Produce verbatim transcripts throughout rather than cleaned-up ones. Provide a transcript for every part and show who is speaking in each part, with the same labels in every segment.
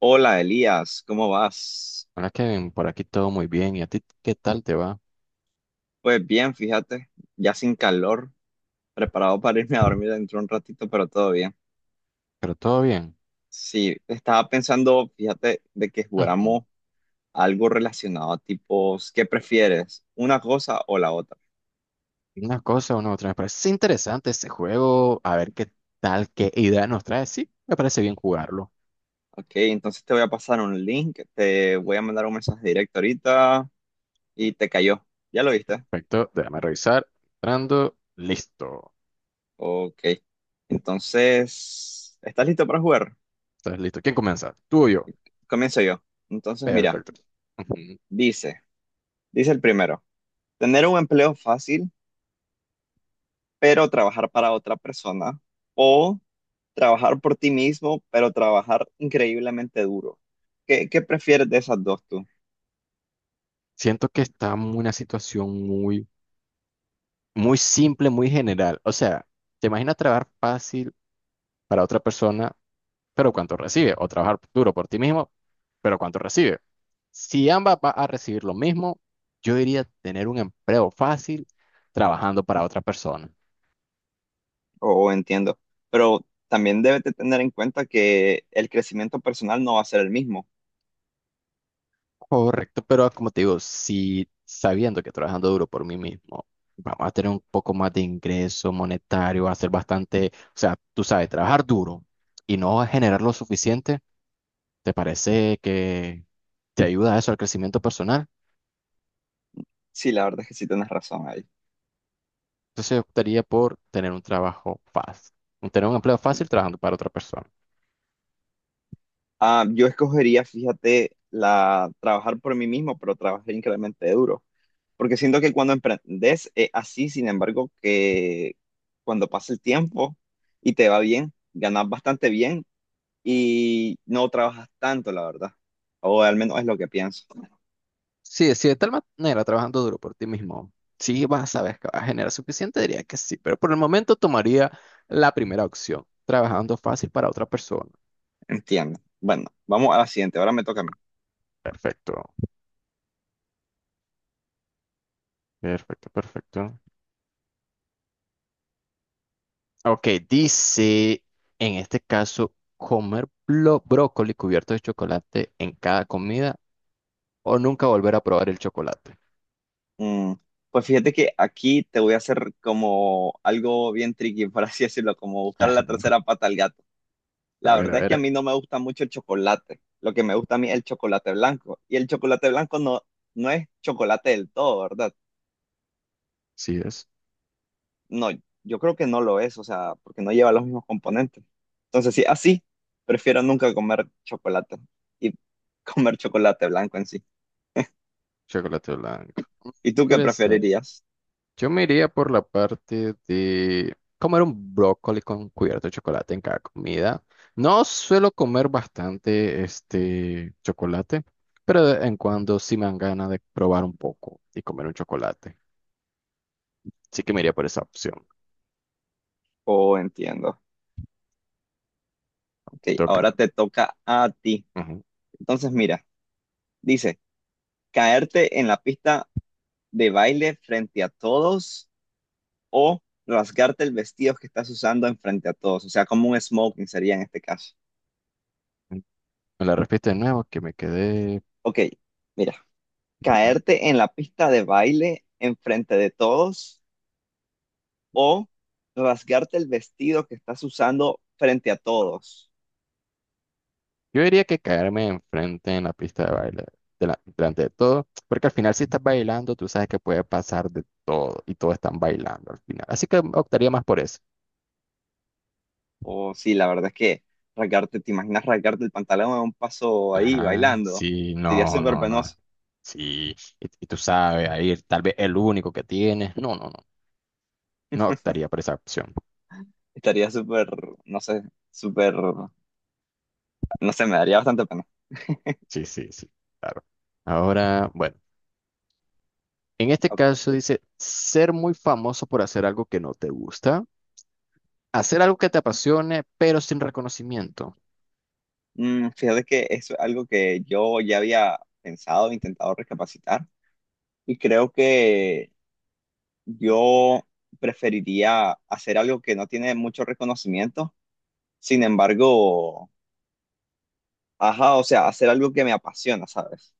Speaker 1: Hola Elías, ¿cómo vas?
Speaker 2: Hola Kevin, por aquí todo muy bien. ¿Y a ti qué tal te va?
Speaker 1: Pues bien, fíjate, ya sin calor, preparado para irme a dormir dentro de un ratito, pero todo bien.
Speaker 2: Pero todo bien.
Speaker 1: Sí, estaba pensando, fíjate, de que
Speaker 2: Ujú.
Speaker 1: jugáramos algo relacionado a tipos, ¿qué prefieres? ¿Una cosa o la otra?
Speaker 2: Una cosa, una otra. Me parece interesante este juego. A ver qué tal, qué idea nos trae. Sí, me parece bien jugarlo.
Speaker 1: Ok, entonces te voy a pasar un link, te voy a mandar un mensaje directo ahorita y te cayó. ¿Ya lo viste?
Speaker 2: Perfecto, déjame revisar. Entrando, listo.
Speaker 1: Ok, entonces, ¿estás listo para jugar?
Speaker 2: ¿Estás listo? ¿Quién comienza? ¿Tú o yo?
Speaker 1: Comienzo yo. Entonces, mira,
Speaker 2: Perfecto. Ujú.
Speaker 1: dice, dice el primero. Tener un empleo fácil, pero trabajar para otra persona. O trabajar por ti mismo, pero trabajar increíblemente duro. ¿Qué, qué prefieres de esas dos tú?
Speaker 2: Siento que está en una situación muy, muy simple, muy general. O sea, ¿te imaginas trabajar fácil para otra persona? Pero cuánto recibe, o trabajar duro por ti mismo, pero cuánto recibe. Si ambas va a recibir lo mismo, yo diría tener un empleo fácil trabajando para otra persona.
Speaker 1: O, o entiendo. Pero también debes de tener en cuenta que el crecimiento personal no va a ser el mismo.
Speaker 2: Correcto, pero como te digo, si sabiendo que trabajando duro por mí mismo, vamos a tener un poco más de ingreso monetario, va a ser bastante, o sea, tú sabes, trabajar duro y no generar lo suficiente, ¿te parece que te ayuda eso al crecimiento personal?
Speaker 1: Sí, la verdad es que sí tienes razón ahí.
Speaker 2: Entonces yo optaría por tener un trabajo fácil, un- tener un empleo fácil trabajando para otra persona.
Speaker 1: Ah, yo escogería, fíjate, la trabajar por mí mismo, pero trabajar increíblemente duro. Porque siento que cuando emprendes es así, sin embargo, que cuando pasa el tiempo y te va bien, ganas bastante bien y no trabajas tanto, la verdad. O al menos es lo que pienso.
Speaker 2: Sí, si de tal manera trabajando duro por ti mismo, sí vas a saber que vas a generar suficiente, diría que sí, pero por el momento tomaría la primera opción, trabajando fácil para otra persona.
Speaker 1: Entiendo. Bueno, vamos a la siguiente. Ahora me toca a mí.
Speaker 2: Perfecto, perfecto, perfecto. Ok, dice, en este caso, comer blo- brócoli cubierto de chocolate en cada comida o nunca volver a probar el chocolate.
Speaker 1: Mm, pues fíjate que aquí te voy a hacer como algo bien tricky, por así decirlo, como buscar la
Speaker 2: Ajá.
Speaker 1: tercera pata al gato.
Speaker 2: A
Speaker 1: La
Speaker 2: ver, a
Speaker 1: verdad es que a
Speaker 2: ver.
Speaker 1: mí no me gusta mucho el chocolate. Lo que me gusta a mí es el chocolate blanco. Y el chocolate blanco no, no es chocolate del todo, ¿verdad?
Speaker 2: Sí es
Speaker 1: No, yo creo que no lo es, o sea, porque no lleva los mismos componentes. Entonces, sí, así, prefiero nunca comer chocolate y comer chocolate blanco en sí.
Speaker 2: chocolate blanco.
Speaker 1: ¿Y tú qué
Speaker 2: Interesante.
Speaker 1: preferirías?
Speaker 2: Yo me iría por la parte de comer un brócoli con cubierto de chocolate en cada comida. No suelo comer bastante este chocolate, pero de vez en cuando sí me dan ganas de probar un poco y comer un chocolate. Así que me iría por esa opción.
Speaker 1: Oh, entiendo.
Speaker 2: ¿No? Te
Speaker 1: Ok, ahora
Speaker 2: toca.
Speaker 1: te toca a ti.
Speaker 2: Ujú.
Speaker 1: Entonces, mira, dice, caerte en la pista de baile frente a todos o rasgarte el vestido que estás usando en frente a todos, o sea, como un smoking sería en este caso.
Speaker 2: Me la repite de nuevo que me quedé.
Speaker 1: Ok, mira, caerte en la pista de baile enfrente de todos o rasgarte el vestido que estás usando frente a todos.
Speaker 2: Yo diría que caerme enfrente en la pista de baile, dela- delante de todo, porque al final si estás bailando, tú sabes que puede pasar de todo y todos están bailando al final. Así que optaría más por eso.
Speaker 1: O sí, la verdad es que rasgarte, ¿te imaginas rasgarte el pantalón a un paso ahí
Speaker 2: Ajá,
Speaker 1: bailando?
Speaker 2: sí,
Speaker 1: Sería
Speaker 2: no,
Speaker 1: súper
Speaker 2: no,
Speaker 1: penoso.
Speaker 2: no. Sí, y, y tú sabes, ahí tal vez el único que tienes. No, no, no. No optaría por esa opción.
Speaker 1: Estaría súper, no sé, súper, no sé, me daría bastante pena.
Speaker 2: Sí, sí, sí, claro. Ahora, bueno, en este
Speaker 1: Ok.
Speaker 2: caso dice ser muy famoso por hacer algo que no te gusta, hacer algo que te apasione, pero sin reconocimiento.
Speaker 1: Mm, fíjate que eso es algo que yo ya había pensado, intentado recapacitar y creo que yo preferiría hacer algo que no tiene mucho reconocimiento. Sin embargo, ajá, o sea, hacer algo que me apasiona, ¿sabes?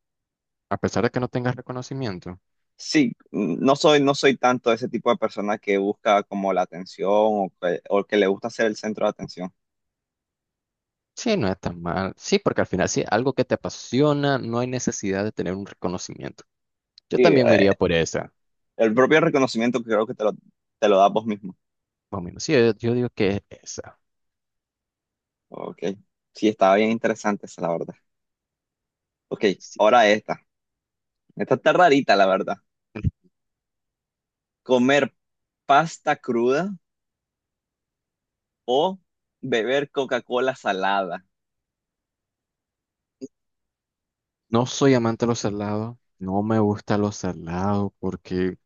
Speaker 2: A pesar de que no tengas reconocimiento.
Speaker 1: Sí, mm, no soy, no soy tanto ese tipo de persona que busca como la atención o que, o que le gusta ser el centro de atención.
Speaker 2: Sí, no es tan mal. Sí, porque al final, si es algo que te apasiona, no hay necesidad de tener un reconocimiento. Yo
Speaker 1: Sí,
Speaker 2: también me
Speaker 1: eh,
Speaker 2: iría por esa.
Speaker 1: el propio reconocimiento que creo que te lo, te lo das vos mismo.
Speaker 2: Más o menos. Sí, yo, yo digo que es esa.
Speaker 1: Ok, sí, estaba bien interesante esa, la verdad. Ok,
Speaker 2: Sí.
Speaker 1: ahora esta. Esta está rarita, la verdad. Comer pasta cruda o beber Coca-Cola salada.
Speaker 2: No soy amante de los salados. No me gusta los salados porque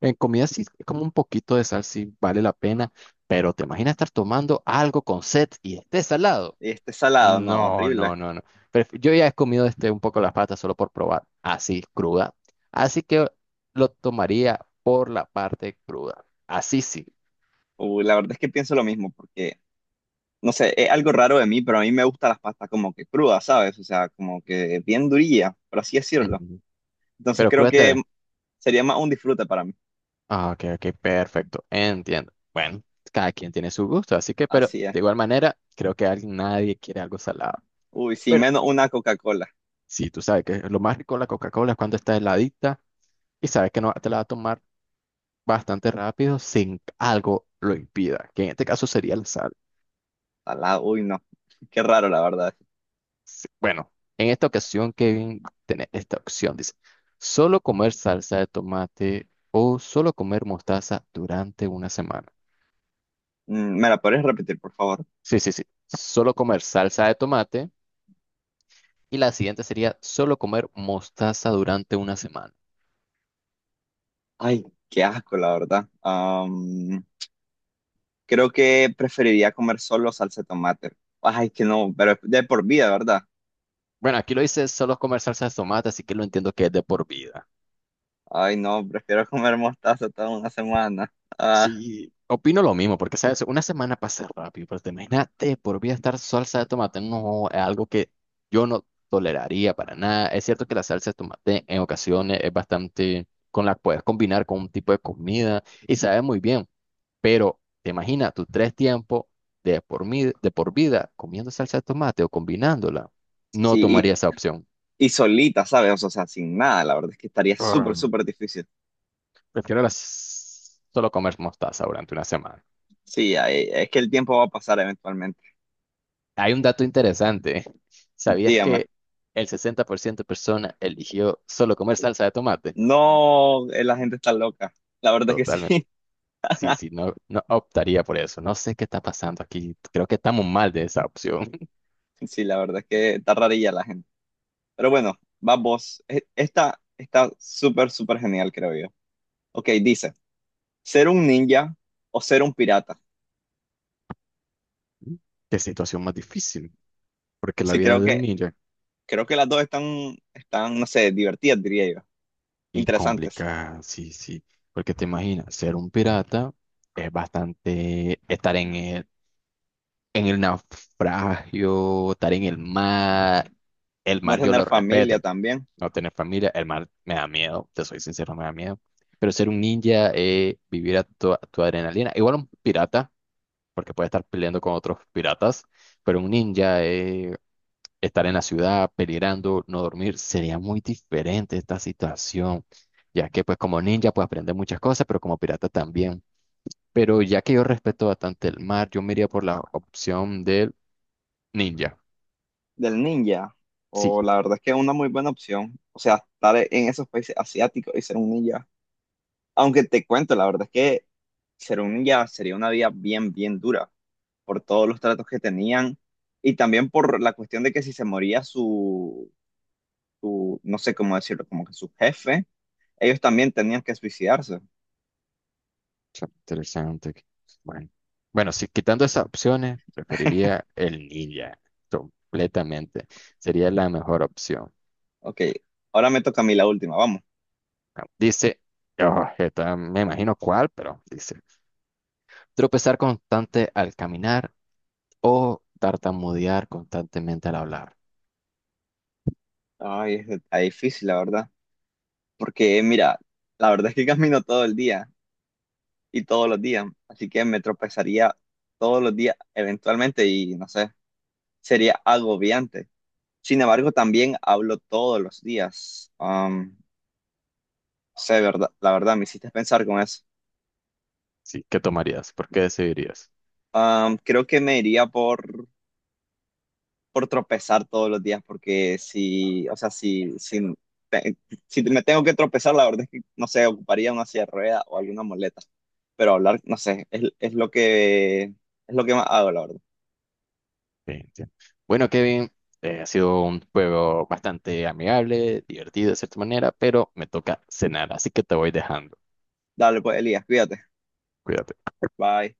Speaker 2: en comida sí, como un poquito de sal sí vale la pena. Pero te imaginas estar tomando algo con set y esté salado.
Speaker 1: Este salado, no,
Speaker 2: No,
Speaker 1: horrible.
Speaker 2: no, no, no. Pref- yo ya he comido este un poco las patas solo por probar, así cruda. Así que lo tomaría por la parte cruda. Así sí.
Speaker 1: Uh, la verdad es que pienso lo mismo porque no sé, es algo raro de mí, pero a mí me gustan las pastas como que crudas, ¿sabes? O sea, como que bien durilla, por así decirlo.
Speaker 2: Ujú.
Speaker 1: Entonces
Speaker 2: Pero
Speaker 1: creo
Speaker 2: cruda te...
Speaker 1: que sería más un disfrute para mí.
Speaker 2: Ah, ok, ok, perfecto. Entiendo. Bueno, cada quien tiene su gusto, así que, pero
Speaker 1: Así es.
Speaker 2: de igual manera, creo que alguien, nadie quiere algo salado.
Speaker 1: Uy, sí,
Speaker 2: Bueno,
Speaker 1: menos una Coca-Cola.
Speaker 2: sí, tú sabes que lo más rico de la Coca-Cola es cuando está heladita y sabes que no te la va a tomar bastante rápido sin que algo lo impida, que en este caso sería la sal.
Speaker 1: Salada, uy, no. Qué raro, la verdad.
Speaker 2: Sí, bueno, en esta ocasión, Kevin, tenés esta opción. Dice, solo comer salsa de tomate o solo comer mostaza durante una semana.
Speaker 1: Mm, ¿Me la podrías repetir, por favor?
Speaker 2: Sí, sí, sí. Solo comer salsa de tomate. Y la siguiente sería solo comer mostaza durante una semana.
Speaker 1: Ay, qué asco, la verdad. Am, creo que preferiría comer solo salsa de tomate. Ay, que no, pero de por vida, ¿verdad?
Speaker 2: Bueno, aquí lo dice solo comer salsa de tomate, así que lo entiendo que es de por vida.
Speaker 1: Ay, no, prefiero comer mostaza toda una semana. Ah,
Speaker 2: Sí, opino lo mismo, porque sabes, una semana pasa rápido, pero te imagínate por vida estar salsa de tomate, no, es algo que yo no toleraría para nada. Es cierto que la salsa de tomate en ocasiones es bastante, con la puedes combinar con un tipo de comida y sabe muy bien, pero te imaginas tus tres tiempos de por mi- de por vida comiendo salsa de tomate o combinándola, no
Speaker 1: sí,
Speaker 2: tomaría esa opción.
Speaker 1: y solita, ¿sabes? O sea, sin nada, la verdad es que estaría súper,
Speaker 2: Mm,
Speaker 1: súper difícil.
Speaker 2: prefiero las- solo comer mostaza durante una semana.
Speaker 1: Sí, ahí- es que el tiempo va a pasar eventualmente.
Speaker 2: Hay un dato interesante. ¿Sabías
Speaker 1: Dígame.
Speaker 2: que el sesenta por ciento de personas eligió solo comer salsa de tomate?
Speaker 1: No, eh, la gente está loca. La verdad es que
Speaker 2: Totalmente.
Speaker 1: sí.
Speaker 2: Sí, sí, no, no optaría por eso. No sé qué está pasando aquí. Creo que estamos mal de esa opción.
Speaker 1: Sí, la verdad es que está rarilla la gente. Pero bueno, va vos. E- esta está súper, súper genial, creo yo. Ok, dice, ¿ser un ninja o ser un pirata?
Speaker 2: Qué situación más difícil, porque la
Speaker 1: Sí,
Speaker 2: vida
Speaker 1: creo
Speaker 2: de un
Speaker 1: que,
Speaker 2: ninja
Speaker 1: creo que las dos están, están, no sé, divertidas, diría yo.
Speaker 2: y
Speaker 1: Interesantes.
Speaker 2: complicada, sí, sí, porque te imaginas, ser un pirata es bastante estar en el, en el naufragio, estar en el mar, el
Speaker 1: No
Speaker 2: mar yo
Speaker 1: tener
Speaker 2: lo
Speaker 1: familia
Speaker 2: respeto,
Speaker 1: también.
Speaker 2: no tener familia, el mar me da miedo, te soy sincero, me da miedo. Pero ser un ninja, eh, vivir a tu, a tu adrenalina, igual un pirata, porque puede estar peleando con otros piratas, pero un ninja, eh, estar en la ciudad, peligrando, no dormir, sería muy diferente esta situación, ya que pues como ninja puedes aprender muchas cosas, pero como pirata también. Pero ya que yo respeto bastante el mar, yo me iría por la opción del ninja.
Speaker 1: Del ninja,
Speaker 2: Sí.
Speaker 1: o la verdad es que es una muy buena opción, o sea, estar en esos países asiáticos y ser un ninja. Aunque te cuento, la verdad es que ser un ninja sería una vida bien, bien dura por todos los tratos que tenían y también por la cuestión de que si se moría su, su- no sé cómo decirlo, como que su jefe, ellos también tenían que suicidarse.
Speaker 2: Está interesante. Bueno, bueno, si quitando esas opciones, preferiría el ninja completamente. Sería la mejor opción.
Speaker 1: Ok, ahora me toca a mí la última, vamos.
Speaker 2: Bueno, dice, oh, esta me imagino cuál, pero dice, tropezar constante al caminar o tartamudear constantemente al hablar.
Speaker 1: Ay, es- está difícil, la verdad, porque mira, la verdad es que camino todo el día y todos los días. Así que me tropezaría todos los días eventualmente y no sé, sería agobiante. Sin embargo, también hablo todos los días. Am, sé, verdad, la verdad, me hiciste pensar con eso.
Speaker 2: Sí, ¿qué tomarías? ¿Por qué decidirías?
Speaker 1: Am, creo que me iría por, por tropezar todos los días porque si, o sea, si, si, te- si me tengo que tropezar, la verdad es que, no sé, ocuparía una silla de rueda o alguna muleta. Pero hablar, no sé, es, es lo que, es lo que más hago, la verdad.
Speaker 2: Sí, entiendo. Bueno, Kevin, eh, ha sido un juego bastante amigable, divertido de cierta manera, pero me toca cenar, así que te voy dejando.
Speaker 1: Dale, pues, Elías, cuídate.
Speaker 2: Cuídate.
Speaker 1: Bye.